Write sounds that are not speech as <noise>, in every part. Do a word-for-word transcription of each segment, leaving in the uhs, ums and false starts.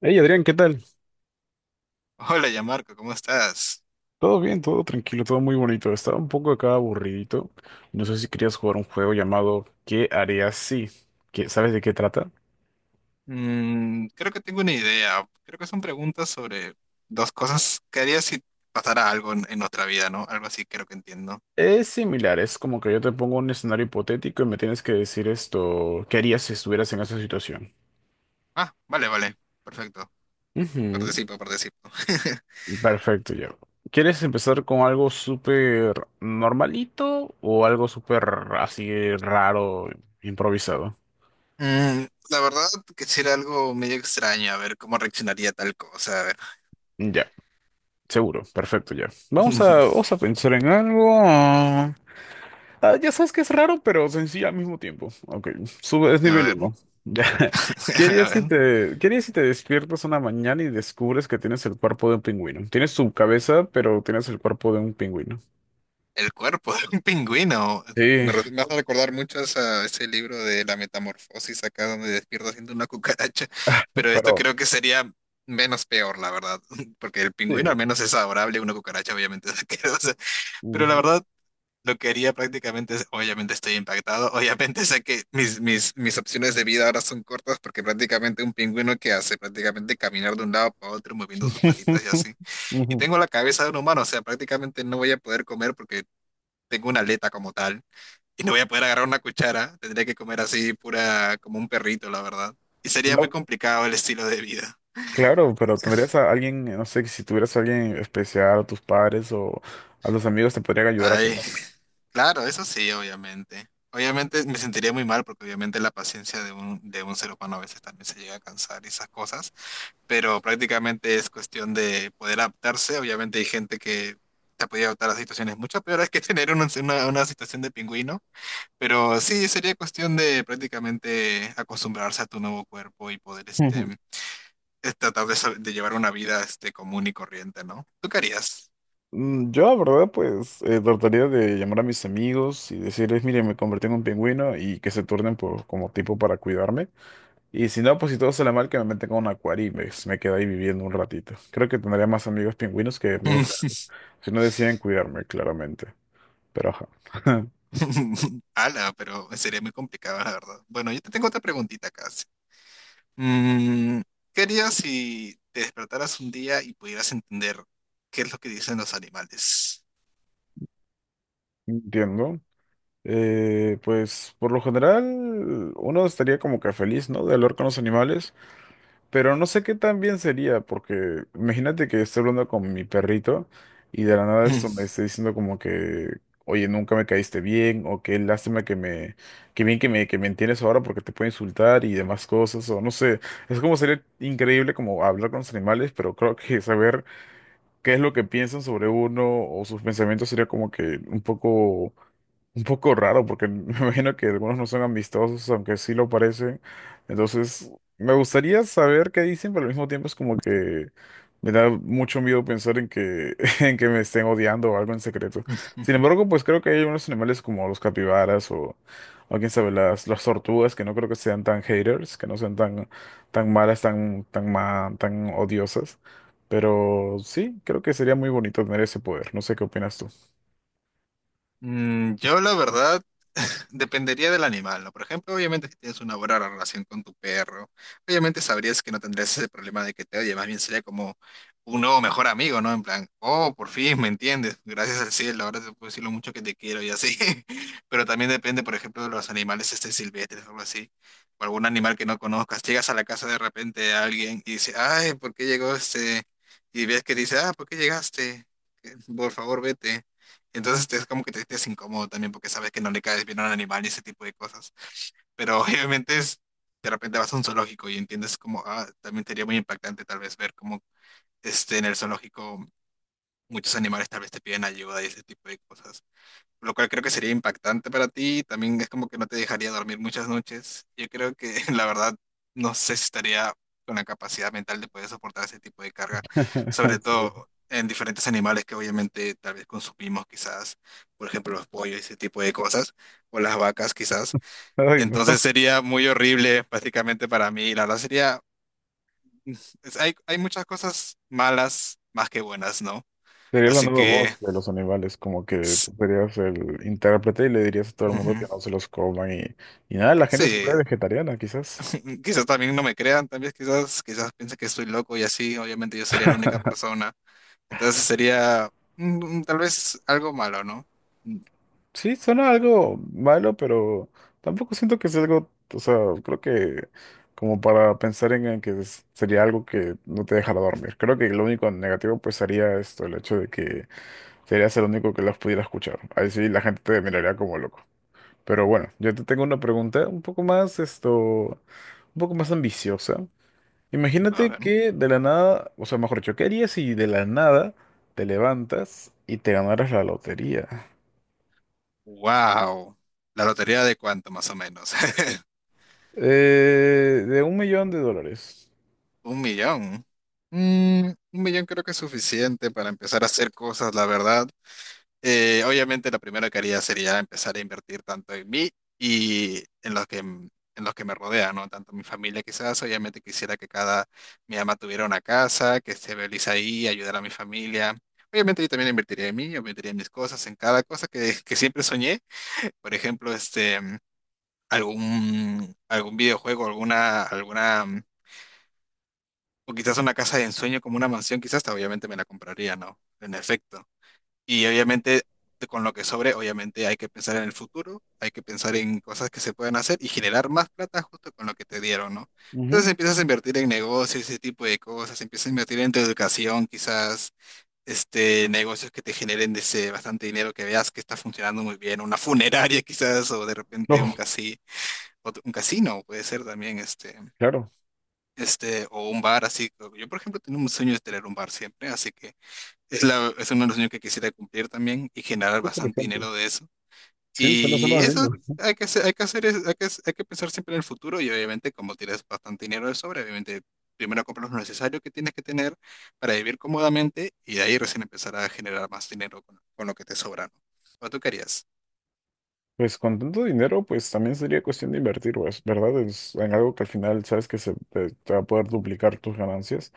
Hey Adrián, ¿qué tal? Hola, ya Marco, ¿cómo estás? Todo bien, todo tranquilo, todo muy bonito. Estaba un poco acá aburridito. No sé si querías jugar un juego llamado ¿Qué harías si? ¿Qué- ¿Sabes de qué trata? Mm, creo que tengo una idea. Creo que son preguntas sobre dos cosas que harías si pasara algo en, en nuestra vida, ¿no? Algo así creo que entiendo. Es similar, es como que yo te pongo un escenario hipotético y me tienes que decir esto, ¿qué harías si estuvieras en esa situación? Ah, vale, vale. Perfecto. Ujú. Participo, participo. <laughs> Perfecto, ya. ¿Quieres empezar con algo súper normalito o algo súper así raro, improvisado? Mm, la verdad, quisiera algo medio extraño, a ver cómo reaccionaría tal cosa. A ver. Ya, seguro, perfecto, ya. Vamos a, <laughs> vamos a pensar en algo. Ah, ya sabes que es raro, pero sencillo al mismo tiempo. Ok, sube, es A nivel ver. uno. <laughs> ¿Qué <laughs> A harías si ver. te, qué harías si te despiertas una mañana y descubres que tienes el cuerpo de un pingüino? Tienes tu cabeza, pero tienes el cuerpo de un pingüino. El cuerpo de un pingüino. Me, Sí, re- Me hace recordar mucho a esa- ese libro de La Metamorfosis, acá donde despierta siendo una cucaracha. Pero esto pero... creo que sería menos peor, la verdad. <laughs> Porque el pingüino al Sí. menos es adorable, una cucaracha obviamente es <laughs> asquerosa. Pero la Ujú. verdad, lo que haría prácticamente es, obviamente estoy impactado. Obviamente sé que mis, mis, mis opciones de vida ahora son cortas porque prácticamente un pingüino que hace prácticamente caminar de un lado para otro moviendo sus patitas y <laughs> así. Y Ujú. tengo la cabeza de un humano, o sea, prácticamente no voy a poder comer porque tengo una aleta como tal y no voy a poder agarrar una cuchara. Tendría que comer así pura, como un perrito, la verdad. Y sería muy No, complicado el estilo de vida. claro, pero tendrías a alguien, no sé, que si tuvieras a alguien especial, a tus padres o a los amigos te podrían ayudar a Ay, comer. claro, eso sí, obviamente. Obviamente me sentiría muy mal porque obviamente la paciencia de un, de un ser humano a veces también se llega a cansar y esas cosas, pero prácticamente es cuestión de poder adaptarse. Obviamente hay gente que se ha podido adaptar a situaciones mucho peores que tener una, una, una situación de pingüino. Pero sí, sería cuestión de prácticamente acostumbrarse a tu nuevo cuerpo y poder este, <laughs> es tratar de, sal- de llevar una vida este, común y corriente, ¿no? ¿Tú qué harías? Mm, Yo, la verdad, pues eh, trataría de llamar a mis amigos y decirles, miren, me convertí en un pingüino y que se turnen por, como tipo para cuidarme. Y si no, pues si todo sale mal, que me metan con un acuario y me, me quedo ahí viviendo un ratito. Creo que tendría más amigos pingüinos que amigos reales, si no deciden cuidarme, claramente. Pero ajá, <laughs> <laughs> Ala, pero sería muy complicado, la verdad. Bueno, yo te tengo otra preguntita casi. Mm, ¿qué harías si te despertaras un día y pudieras entender qué es lo que dicen los animales? entiendo. Eh, pues por lo general, uno estaría como que feliz, ¿no? De hablar con los animales. Pero no sé qué tan bien sería, porque imagínate que estoy hablando con mi perrito y de la nada esto me está diciendo como que, oye, nunca me caíste bien, o qué lástima que me, qué bien que me, que me entiendes ahora porque te puedo insultar y demás cosas, o no sé. Es como sería increíble como hablar con los animales, pero creo que saber qué es lo que piensan sobre uno o sus pensamientos sería como que un poco un poco raro porque <laughs> me imagino que algunos no son amistosos, aunque sí lo parecen. Entonces, me gustaría saber qué dicen, pero al mismo tiempo es como que me da mucho miedo pensar en que, <laughs> en que me estén odiando o algo en secreto. Sin <laughs> embargo, pues creo que hay unos animales como los capibaras o, o quién sabe, las, las tortugas, que no creo que sean tan haters, que no sean tan, tan malas, tan, tan, ma- tan odiosas. Pero sí, creo que sería muy bonito tener ese poder. No sé qué opinas tú. Mm, yo la verdad <laughs> dependería del animal, ¿no? Por ejemplo, obviamente si tienes una buena relación con tu perro, obviamente sabrías que no tendrías ese problema de que te oye, más bien sería como un nuevo mejor amigo, ¿no? En plan, oh, por fin me entiendes, gracias al cielo, ahora te puedo decir lo mucho que te quiero y así. <laughs> Pero también depende, por ejemplo, de los animales este silvestres o algo así, o algún animal que no conozcas. Llegas a la casa de repente de alguien y dice, ay, ¿por qué llegó este? Y ves que dice, ah, ¿por qué llegaste? Por favor, vete. Entonces es como que te sientes incómodo también porque sabes que no le caes bien a un animal y ese tipo de cosas. Pero <laughs> obviamente es, de repente vas a un zoológico y entiendes como, ah, también sería muy impactante tal vez ver como este, en el zoológico muchos animales tal vez te piden ayuda y ese tipo de cosas, lo cual creo que sería impactante para ti. También es como que no te dejaría dormir muchas noches. Yo creo que <laughs> la verdad no sé si estaría con la capacidad mental de poder soportar ese tipo de carga, sobre <laughs> Sí. todo en diferentes animales que obviamente tal vez consumimos quizás, por ejemplo los pollos, ese tipo de cosas, o las vacas quizás. Ay, no. Entonces sería muy horrible básicamente para mí. La verdad sería, es- hay, hay muchas cosas malas más que buenas, ¿no? Sería la Así nueva que... voz de los animales, como que s- tú serías el intérprete y le dirías a todo el mundo que ujú. no se los coman y, y nada, la gente se Sí, vuelve vegetariana, quizás. <laughs> mm, quizás también no me crean, también quizás, quizás piensen que estoy loco y así, obviamente yo sería la única persona. Entonces sería mm, mm, tal vez algo malo, ¿no? Mm, Sí, suena algo malo, pero tampoco siento que sea algo, o sea, creo que como para pensar en, en que es- sería algo que no te dejara dormir. Creo que lo único negativo pues sería esto, el hecho de que serías el único que las pudiera escuchar. Ahí sí la gente te miraría como loco. Pero bueno, yo te tengo una pregunta un poco más, esto, un poco más ambiciosa. a Imagínate ver. que de la nada, o sea, mejor dicho, ¿qué harías si de la nada te levantas y te ganaras la lotería? Wow. La lotería de cuánto más o menos. <laughs> Eh, de un millón de dólares. Un millón. Mm, un millón creo que es suficiente para empezar a hacer cosas, la verdad. Eh, obviamente la primera que haría sería empezar a invertir tanto en mí y en los que, mm, en los que me rodean, ¿no? Tanto mi familia quizás, obviamente quisiera que cada, mi ama tuviera una casa, que esté feliz ahí, ayudar a mi familia. Obviamente yo también invertiría en mí, yo invertiría en mis cosas, en cada cosa que, que siempre soñé. <laughs> Por ejemplo, este, mm, algún, algún videojuego, alguna, alguna, mm, o quizás una casa de ensueño como una mansión, quizás, obviamente me la compraría, ¿no? En efecto. Y obviamente, de- con lo que sobre, obviamente hay que pensar en el futuro, hay que pensar en cosas que se pueden hacer y generar más plata justo con lo que te dieron, ¿no? Ujú. Entonces empiezas a invertir en negocios, ese tipo de cosas, empiezas a invertir en tu educación, quizás este, negocios que te generen ese bastante dinero, que veas que está funcionando muy bien, una funeraria <laughs> quizás, o de repente un Oh, casi, otro- un casino puede ser también, este, claro. este, o un bar así. Yo, por ejemplo, tengo un sueño de tener un bar siempre, así que... Es, la, es uno de los sueños que quisiera cumplir también y generar Qué bastante interesante. dinero de eso. Sí, suena, Y suena eso lindo. hay que hacer, hay que hacer, es- hay que, hay que pensar siempre en el futuro y obviamente como tienes bastante dinero de sobra, obviamente primero compras lo necesario que tienes que tener para vivir cómodamente y de ahí recién empezar a generar más dinero con, con lo que te sobra, ¿no? ¿O tú querías? Pues con tanto dinero, pues también sería cuestión de invertir, pues, ¿verdad? Es en algo que al final sabes que se te, te va a poder duplicar tus ganancias.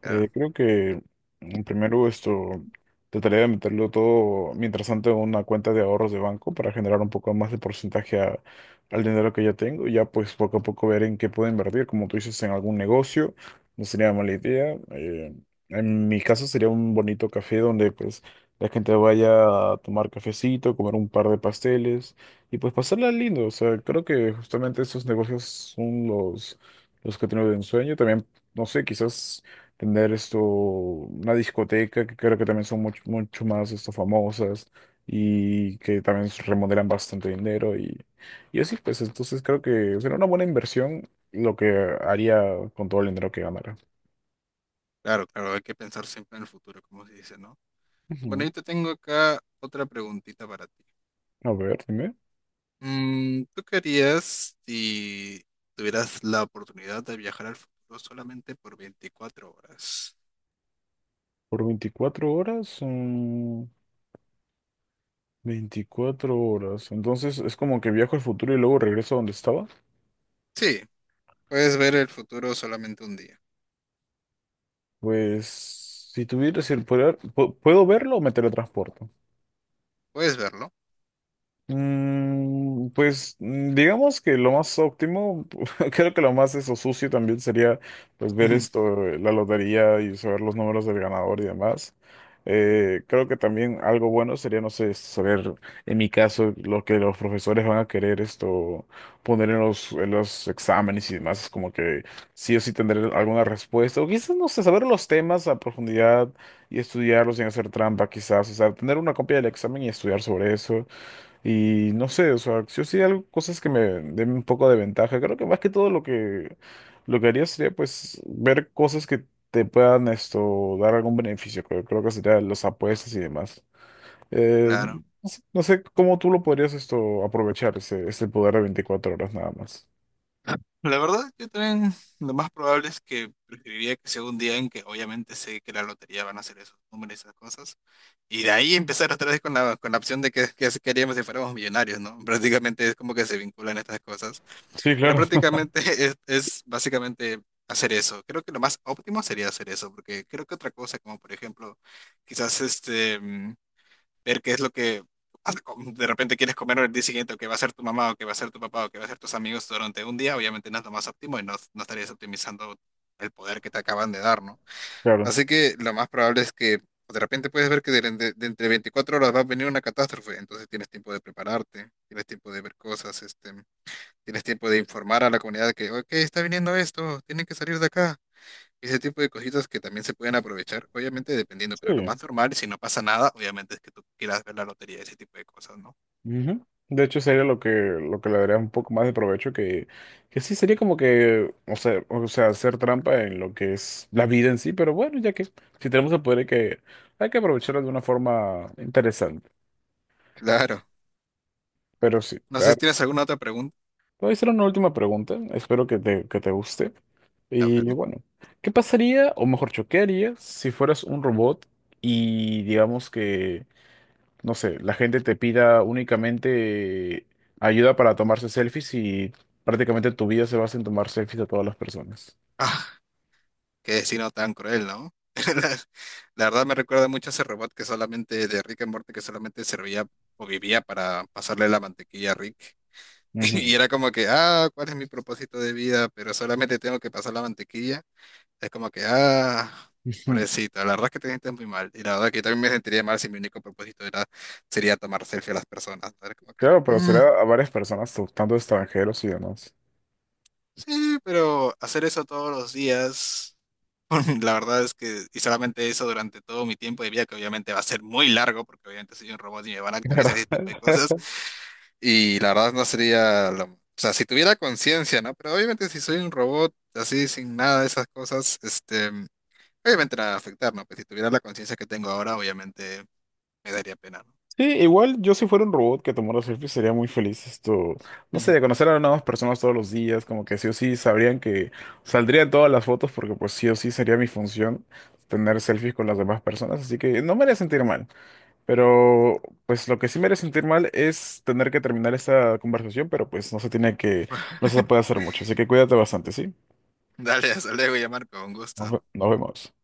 Claro, Eh, creo que mm, primero esto trataría de meterlo todo, mientras tanto, en una cuenta de ahorros de banco para generar un poco más de porcentaje a- al dinero que ya tengo. Y ya pues poco a poco ver en qué puedo invertir, como tú dices, en algún negocio, no sería mala idea. Eh, en mi caso sería un bonito café donde pues la gente vaya a tomar cafecito, comer un par de pasteles y pues pasarla lindo. O sea, creo que justamente esos negocios son los, los que tengo de ensueño. También no sé, quizás tener esto, una discoteca que creo que también son mucho, mucho más esto, famosas y que también s- remodelan bastante dinero y, y así, pues entonces creo que será una buena inversión lo que haría con todo el dinero que ganara. claro, claro, hay que pensar siempre en el futuro, como se dice, ¿no? Bueno, yo Ujú. te tengo acá otra preguntita para ti. A ver, dime, Mm, ¿tú qué harías si tuvieras la oportunidad de viajar al futuro solamente por veinticuatro horas? por veinticuatro horas son veinticuatro horas, entonces es como que viajo al futuro y luego regreso a donde estaba. Sí, puedes ver el futuro solamente un día. Pues si tuviera el poder, ¿pu- ¿puedo verlo o me teletransporto? Puedes verlo, Mm, pues mm, digamos que lo más óptimo, <laughs> creo que lo más eso sucio también sería pues ver ujú, esto, eh, la lotería y saber los números del ganador y demás. Eh, creo que también algo bueno sería, no sé, saber en mi caso lo que los profesores van a querer esto poner en los, en los, exámenes y demás, es como que sí o sí tendré alguna respuesta, o quizás, no sé, saber los temas a profundidad y estudiarlos sin hacer trampa, quizás, o sea, tener una copia del examen y estudiar sobre eso. Y no sé, o sea, si yo sí algo, cosas que me den un poco de ventaja. Creo que más que todo lo que lo que haría sería pues ver cosas que te puedan esto dar algún beneficio. Creo, creo que sería las apuestas y demás. Eh, claro. no sé no sé cómo tú lo podrías esto aprovechar ese, ese poder de veinticuatro horas nada más. La verdad, yo también lo más probable es que preferiría que sea un día en que obviamente sé que la lotería van a hacer esos números y esas cosas. Y de ahí empezar otra vez con la, con la opción de que, que si queríamos si fuéramos millonarios, ¿no? Prácticamente es como que se vinculan estas cosas. Sí, Pero claro, prácticamente <laughs> es, es básicamente hacer eso. Creo que lo más óptimo sería hacer eso, porque creo que otra cosa, como por ejemplo, quizás este, mm, ver qué es lo que has- com- de repente quieres comer el día siguiente, o qué va a ser tu mamá, o qué va a ser tu papá, o qué va a ser tus amigos durante un día, obviamente no es lo más óptimo y no, no estarías optimizando el poder que te acaban de dar, ¿no? <laughs> claro. Así que lo más probable es que pues, de repente puedes ver que de, de- de entre veinticuatro horas va a venir una catástrofe, entonces tienes tiempo de prepararte, tienes tiempo de ver cosas, este, tienes tiempo de informar a la comunidad que, ok, está viniendo esto, tienen que salir de acá. Ese tipo de cositas que también se pueden aprovechar, obviamente dependiendo, pero lo Sí. más normal, si no pasa nada, obviamente es que tú quieras ver la lotería, ese tipo de cosas, ¿no? Ujú. De hecho, sería lo que, lo que, le daría un poco más de provecho que, que sí sería como que, o sea, o sea, hacer trampa en lo que es la vida en sí, pero bueno, ya que si tenemos el poder hay que, hay que, aprovecharlo de una forma interesante. Claro. Pero sí, No sé a- si te tienes alguna otra pregunta. voy a hacer una última pregunta, espero que te, que te guste. A Y ver, bueno, ¿qué pasaría, o mejor, choquearía si fueras un robot y digamos que no sé, la gente te pida únicamente ayuda para tomarse selfies y prácticamente tu vida se basa en tomar selfies de todas las personas. ¿no? Qué destino tan cruel, ¿no? <laughs> La, la verdad me recuerda mucho a ese robot que solamente de Rick and Morty que solamente servía o vivía para pasarle la mantequilla a Rick. <laughs> Y Ujú. era como que, ah, ¿cuál es mi propósito de vida? Pero solamente tengo que pasar la mantequilla. Es como que, ah, Ujú. <laughs> pobrecito, la verdad es que te sientes muy mal. Y la verdad que yo también me sentiría mal si mi único propósito era, sería tomar selfie a las personas, ¿no? Era como que, Claro, pero "Mm, será a varias personas, tanto extranjeros y demás. <laughs> sí, pero hacer eso todos los días. <laughs> La verdad es que, y solamente eso durante todo mi tiempo de vida, que obviamente va a ser muy largo, porque obviamente soy un robot y me van a Claro. actualizar ese tipo de cosas, y la verdad no sería, lo- o sea, si tuviera conciencia, ¿no? Pero obviamente si soy un robot así, sin nada de esas cosas, este, obviamente la va a afectar, ¿no? Pues si tuviera la conciencia que tengo ahora, obviamente me daría pena, ¿no? Sí, igual yo si fuera un robot que tomara selfies sería muy feliz esto, no sé, de <laughs> conocer a nuevas personas todos los días, como que sí o sí sabrían que saldrían todas las fotos porque pues sí o sí sería mi función tener selfies con las demás personas, así que no me haría sentir mal. Pero pues lo que sí me haría sentir mal es tener que terminar esta conversación, pero pues no se tiene que, no se Ujú. puede hacer mucho. Así que cuídate bastante, ¿sí? Dale, hasta luego, ya Marco, un gusto. Nos, ve- nos vemos.